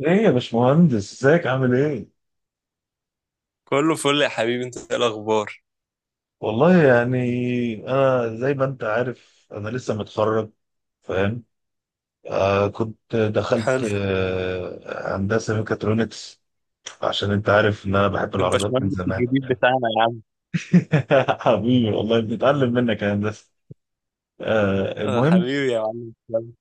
ايه يا باشمهندس، ازيك عامل ايه؟ كله فل يا حبيبي، انت ايه الاخبار؟ والله يعني، انا زي ما انت عارف انا لسه متخرج، فاهم؟ آه، كنت دخلت حلو. هندسه ميكاترونكس. عشان انت عارف ان انا بحب العربيات من الباشمهندس زمان الجديد يعني. بتاعنا يا عم. حبيبي والله بنتعلم منك يا هندسه. آه، المهم. حبيبي يا معلم تسلم.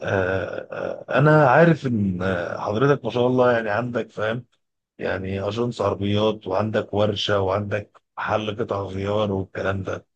انا عارف ان حضرتك ما شاء الله، يعني عندك، فاهم؟ يعني اجنس عربيات، وعندك ورشه، وعندك محل قطع غيار والكلام ده.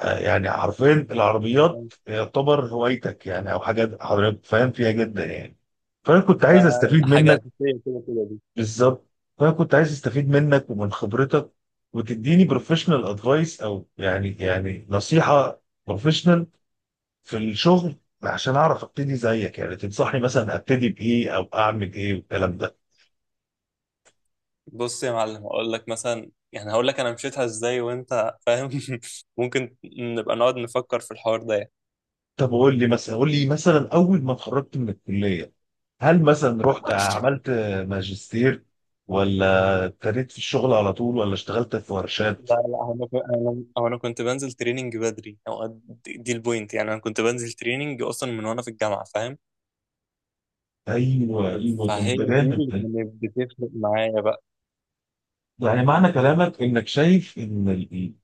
يعني حرفيا العربيات يعتبر هوايتك، يعني او حاجه حضرتك فاهم فيها جدا يعني. فانا كنت ده عايز استفيد حاجة منك. أساسية كده كده دي. بالظبط. فانا كنت عايز استفيد منك ومن خبرتك، وتديني بروفيشنال ادفايس، او يعني نصيحه بروفيشنال في الشغل، عشان اعرف ابتدي زيك، يعني تنصحني مثلا ابتدي بايه او اعمل ايه والكلام ده. بص يا معلم، هقول لك مثلا يعني هقول لك أنا مشيتها إزاي وأنت فاهم. ممكن نبقى نقعد نفكر في الحوار ده يعني. طب قول لي مثلا اول ما اتخرجت من الكليه، هل مثلا رحت عملت ماجستير، ولا ابتديت في الشغل على طول، ولا اشتغلت في ورشات؟ لا لا، هو انا كنت- أنا هو أنا كنت بنزل تريننج بدري. هو دي البوينت، يعني أنا كنت بنزل تريننج أصلا من وأنا في الجامعة، فاهم؟ ايوه، ايوه، فهي دي البرنامج اللي ده. كانت بتفرق معايا بقى. يعني معنى كلامك انك شايف ان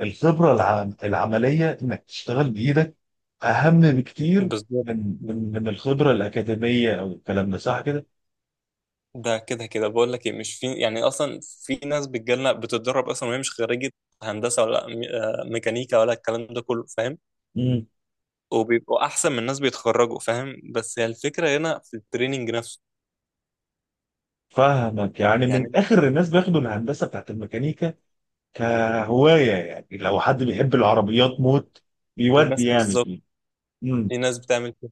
الخبره العمليه انك تشتغل بايدك اهم بكتير بالظبط. من الخبره الاكاديميه او الكلام ده، صح كده؟ ده كده كده بقول لك ايه، مش في، يعني اصلا في ناس بتجيلنا بتتدرب اصلا وهي مش خريجه هندسه ولا ميكانيكا ولا الكلام ده كله، فاهم؟ امم. وبيبقوا احسن من ناس بيتخرجوا، فاهم؟ بس هي الفكره هنا في التريننج نفسه. فاهمك، يعني من يعني اخر الناس بياخدوا الهندسه بتاعت الميكانيكا كهوايه، يعني لو حد بيحب العربيات موت في بيودي ناس، يعني بالظبط، فيه. في ناس بتعمل كده.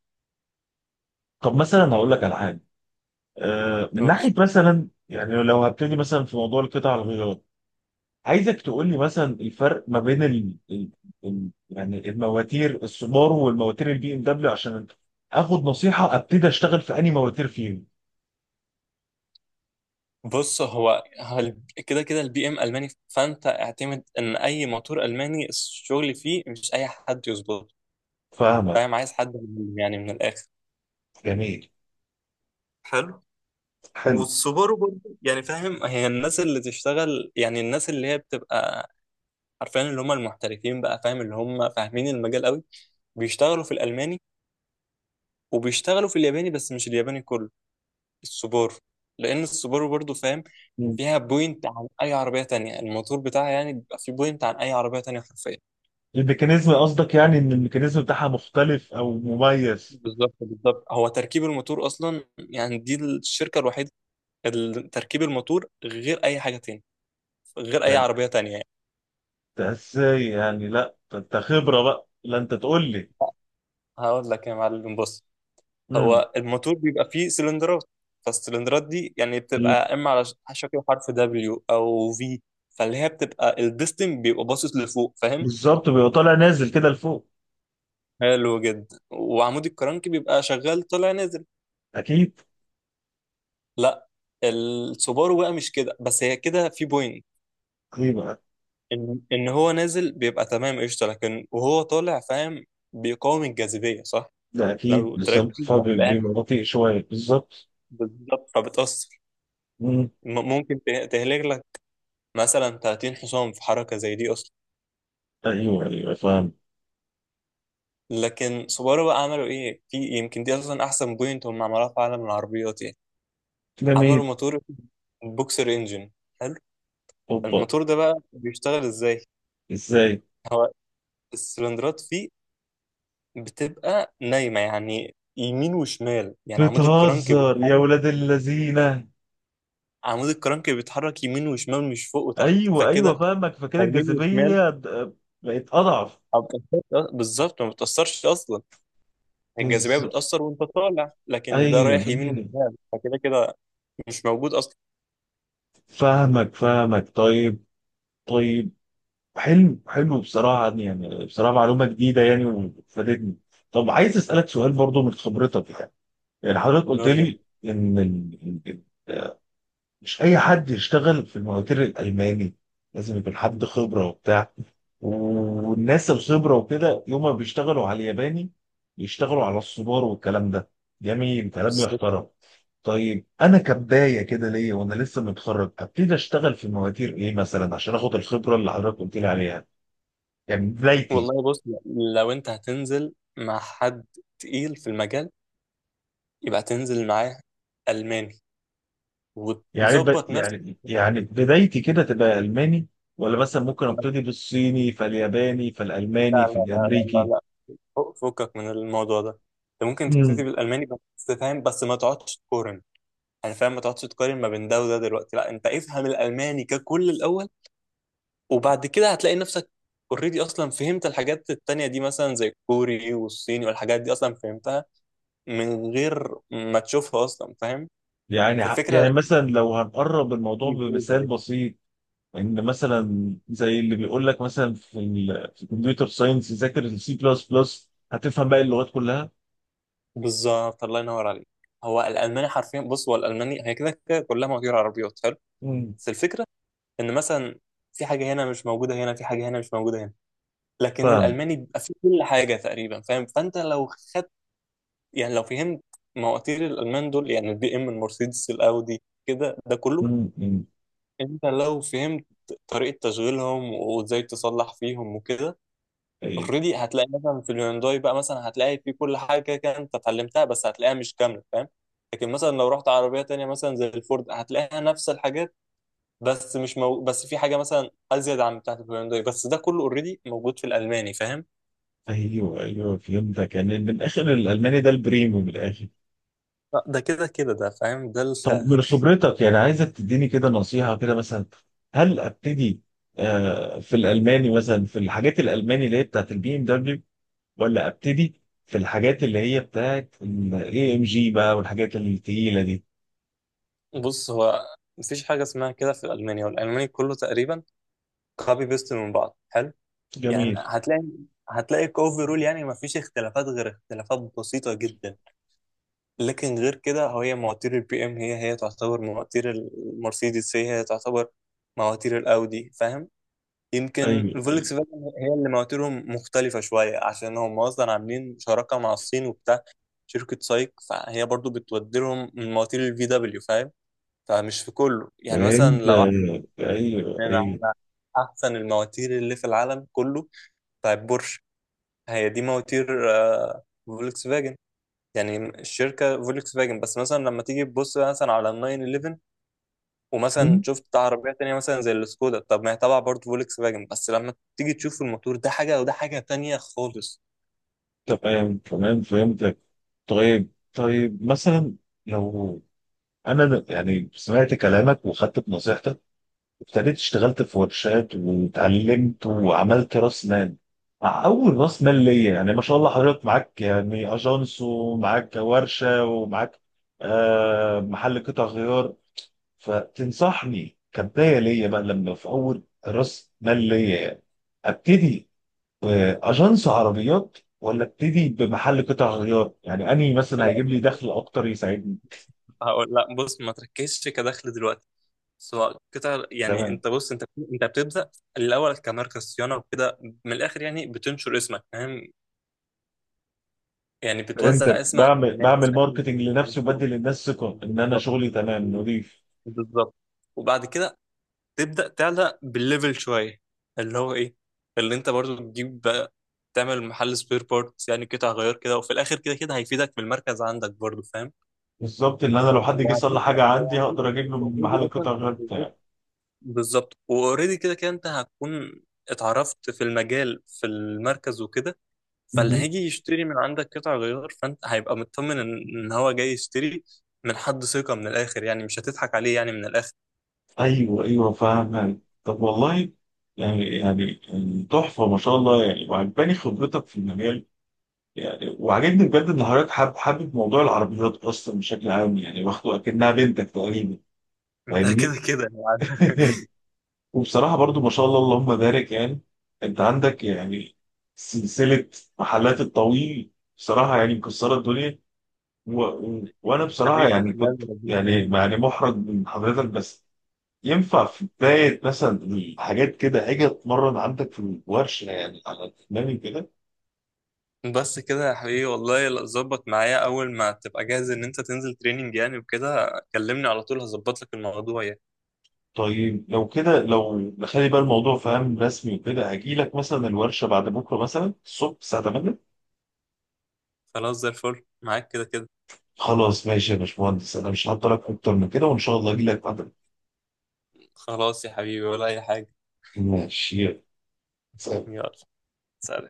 طب مثلا هقول لك على حاجه. من نقول، ناحيه مثلا، يعني لو هبتدي مثلا في موضوع القطع الغيار، عايزك تقول لي مثلا الفرق ما بين يعني المواتير السوبارو والمواتير البي ام دبليو، عشان اخد نصيحه ابتدي اشتغل في انهي مواتير فيهم. بص هو كده كده البي ام الماني، فانت اعتمد ان اي موتور الماني الشغل فيه مش اي حد يظبطه، فاهمك. فاهم؟ عايز حد يعني من الاخر. جميل. حلو. حلو. والسوبرو برضه، يعني فاهم، هي الناس اللي تشتغل، يعني الناس اللي هي بتبقى عارفين، اللي هم المحترفين بقى، فاهم؟ اللي هم فاهمين المجال قوي بيشتغلوا في الألماني وبيشتغلوا في الياباني، بس مش الياباني كله، السوبرو. لأن السوبرو برضه فاهم مم. فيها بوينت عن أي عربية تانية، الموتور بتاعها يعني بيبقى فيه بوينت عن أي عربية تانية حرفيا. الميكانيزم قصدك؟ يعني ان الميكانيزم بتاعها مختلف او مميز؟ بالظبط بالظبط. هو تركيب الموتور أصلا، يعني دي الشركة الوحيدة اللي تركيب الموتور غير أي حاجة تانية، غير أي طب عربية تانية يعني. ده ازاي يعني؟ لا ده انت خبره بقى، لا انت تقول لي. هقول لك يا معلم، بص، امم. هو الموتور بيبقى فيه سلندرات. فالسلندرات دي يعني بتبقى اما على شكل حرف دبليو او في، فاللي هي بتبقى البستم بيبقى باصص لفوق، فاهم؟ بالظبط، بيبقى طالع نازل كده لفوق. حلو جدا، وعمود الكرنك بيبقى شغال طالع نازل. اكيد. لا، السوبارو بقى مش كده، بس هي كده في بوينت اكيد بقى. ان هو نازل بيبقى تمام قشطه، لكن وهو طالع فاهم بيقاوم الجاذبيه، صح؟ ده اكيد لو بالظبط، تركز هتلاقيها فبيبقى بطيء شويه بالظبط. بالظبط، فبتأثر. مم. ممكن تهلك لك مثلا 30 حصان في حركه زي دي اصلا. ايوه، ايوه، فاهم. لكن سوبارو بقى عملوا ايه؟ في يمكن دي اصلا احسن بوينت هم عملوها في عالم العربيات يعني. عملوا جميل. موتور بوكسر انجن. حلو. اوبا. الموتور ده بقى بيشتغل ازاي؟ ازاي؟ هو السلندرات فيه بتبقى نايمه، يعني يمين وشمال، يعني عمود الكرنك بتهزر يا بيتحرك. ولاد اللذينه؟ عمود الكرنك بيتحرك يمين وشمال مش فوق وتحت، ايوه، ايوه، فكده فاهمك، فكده يمين وشمال الجاذبيه بقت اضعف. ما بتأثرش. بالظبط ما بتأثرش اصلا. الجاذبيه بز... بتأثر وانت طالع، ايوه، لكن ده رايح يمين ايوه، وشمال، فكده كده مش موجود اصلا. فاهمك، فاهمك، طيب، طيب. حلو، حلو، بصراحه يعني بصراحه معلومه جديده يعني وفادتني. طب عايز اسالك سؤال برضو من خبرتك، يعني يعني حضرتك قلت نقول، لي ان مش اي حد يشتغل في المواتير الالماني، لازم يكون حد خبره وبتاع. والناس الخبره وكده يوم ما بيشتغلوا على الياباني، بيشتغلوا على الصبار والكلام ده. جميل، كلام يعني يحترم. طيب، انا كبدايه كده ليا وانا لسه متخرج، ابتدي اشتغل في مواتير ايه مثلا عشان اخد الخبره اللي حضرتك قلت لي عليها؟ يعني بدايتي. والله بص، لو انت هتنزل مع حد تقيل في المجال، يبقى تنزل معاه ألماني يعني وتظبط نفسك يعني بدايتي كده تبقى الماني، ولا مثلا ممكن بس. ابتدي بالصيني فالياباني لا فالالماني لا لا لا لا فالامريكي؟ لا، فكك من الموضوع ده. انت ممكن تبتدي بالألماني، بس فاهم، بس ما تقعدش تقارن، يعني فاهم ما تقعدش تقارن ما بين ده وده دلوقتي. لا، انت افهم الألماني ككل الأول، وبعد كده هتلاقي نفسك اوريدي اصلا فهمت الحاجات التانية دي، مثلا زي الكوري والصيني، والحاجات دي اصلا فهمتها من غير ما تشوفها اصلا، فاهم؟ يعني فالفكرة، يعني مثلا لو هنقرب الموضوع بمثال بسيط، ان مثلا زي اللي بيقول لك مثلا في في الكمبيوتر ساينس ذاكر السي بلس بلس هتفهم باقي اللغات كلها. بالظبط، الله ينور عليك. هو الالماني حرفيا، بص، هو الالماني هي كده كده كلها مواتير عربيات. حلو. مم. بس الفكره ان مثلا في حاجه هنا مش موجوده هنا، في حاجه هنا مش موجوده هنا، لكن فاهم. الالماني بيبقى فيه كل حاجه تقريبا، فاهم؟ فانت لو خدت، يعني لو فهمت مواتير الالمان دول، يعني البي ام، المرسيدس، الاودي كده، ده كله مم. مم. انت لو فهمت طريقه تشغيلهم وازاي تصلح فيهم وكده، أي- اوريدي هتلاقي مثلا في الهيونداي بقى، مثلا هتلاقي في كل حاجه كده كده انت اتعلمتها، بس هتلاقيها مش كامله، فاهم؟ لكن مثلا لو رحت عربيه تانية مثلا زي الفورد، هتلاقيها نفس الحاجات، بس مش مو... بس في حاجه مثلا ازيد عن بتاعه الهيونداي، بس ده كله اوريدي موجود في الالماني، فاهم؟ ايوه، ايوه، فهمتك، يعني من الاخر الالماني ده البريمو من الاخر. لا، ده كده كده ده فاهم طب من خبرتك، يعني عايزك تديني كده نصيحه كده مثلا، هل ابتدي في الالماني مثلا في الحاجات الالماني اللي هي بتاعت البي ام دبليو، ولا ابتدي في الحاجات اللي هي بتاعت الاي ام جي بقى والحاجات التقيله دي؟ بص، هو مفيش حاجه اسمها كده في الالماني، والالماني كله تقريبا كوبي بيست من بعض. حلو. يعني جميل. هتلاقي، كوفرول يعني مفيش اختلافات غير اختلافات بسيطه جدا. لكن غير كده، هو هي مواتير البي ام هي تعتبر مواتير المرسيدس، هي تعتبر مواتير الاودي، فاهم؟ يمكن ايوه، ايوه، الفولكس فاجن هي اللي مواتيرهم مختلفة شوية، عشان هم أصلا عاملين شراكة مع الصين وبتاع، شركة سايك، فهي برضو بتودي لهم من مواتير الفي دبليو، فاهم؟ فمش في كله. يعني مثلا فهمت. لو ايوه، عايزين ايوه. على أحسن المواتير اللي في العالم كله فبورش، هي دي مواتير فولكس فاجن، يعني الشركه فولكس فاجن. بس مثلا لما تيجي تبص مثلا على ال 911، ومثلا مم. شفت عربيه تانية مثلا زي السكودا، طب ما هي تبع برضه فولكس فاجن، بس لما تيجي تشوف الموتور، ده حاجه وده حاجه تانية خالص. تمام، تمام، فهمتك. طيب، طيب، مثلا، لو انا يعني سمعت كلامك وخدت بنصيحتك، ابتديت اشتغلت في ورشات واتعلمت وعملت راس مال. مع اول راس مال ليا، يعني ما شاء الله، حضرتك معاك يعني اجانس ومعاك ورشه ومعاك محل قطع غيار. فتنصحني كبدايه ليا بقى لما في اول راس مال ليا يعني، ابتدي باجانس عربيات، ولا ابتدي بمحل قطع غيار؟ يعني انهي لا مثلا هيجيب لا، لي دخل بص، اكتر يساعدني؟ هقول لا، بص ما تركزش كدخل دلوقتي، سواء قطع، يعني تمام، انت بص، انت بتبدا الاول كماركه صيانه وكده، من الاخر يعني بتنشر اسمك، فاهم؟ يعني بتوزع فهمتك. اسمك على بعمل الناس، بعمل فاهم؟ ماركتنج لنفسي، وبدي للناس ثقه ان انا بالظبط شغلي تمام نظيف. بالظبط. وبعد كده تبدأ تعلق بالليفل شوية، اللي هو ايه، اللي انت برضو تجيب بقى، تعمل محل سبير بارتس، يعني قطع غيار كده، وفي الاخر كده كده هيفيدك في المركز عندك برضو، فاهم؟ بالظبط، ان انا لو حد جه يصلح حاجه وهتبقى عندي هقدر اجيب له من اوريدي محل اصلا، القطع غير بالظبط بتاعي. بالظبط. واوريدي كده كده انت هتكون اتعرفت في المجال في المركز وكده. فاللي مهم. هيجي يشتري من عندك قطع غيار فانت هيبقى مطمن إن هو جاي يشتري من حد ثقة، من الاخر يعني مش هتضحك عليه، يعني من الاخر. ايوه، ايوه، فاهم، يعني طب والله، يعني تحفه ما شاء الله، يعني وعجباني خبرتك في المجال، يعني وعجبني بجد ان حضرتك حابب حابب موضوع العربيات اصلا بشكل عام، يعني واخده اكنها بنتك تقريبا، ده كده فاهمني؟ كده يعني. وبصراحة برضو ما شاء الله اللهم بارك، يعني انت عندك يعني سلسلة محلات الطويل، بصراحة يعني مكسرة الدنيا. وانا بصراحة حبيبي يعني تسلم كنت لي، ربنا يعني، يخليك. يعني محرج من حضرتك، بس ينفع في بداية مثلا الحاجات كده اجي اتمرن عندك في الورشة يعني على دماغي كده؟ بس كده يا حبيبي، والله لا، ظبط معايا اول ما تبقى جاهز ان انت تنزل تريننج يعني وكده كلمني على طول، هظبط لك الموضوع يعني. طيب لو كده، لو نخلي بقى الموضوع فاهم رسمي وكده، هجي لك مثلا الورشة بعد بكرة مثلا الصبح الساعة 8. خلاص زي الفل معاك كده كده. خلاص ماشي يا باشمهندس، انا مش هعطلك اكتر من كده، وان شاء الله اجي لك بعد. خلاص يا حبيبي، ولا اي حاجة. ماشي، يلا، سلام. يلا. سلام.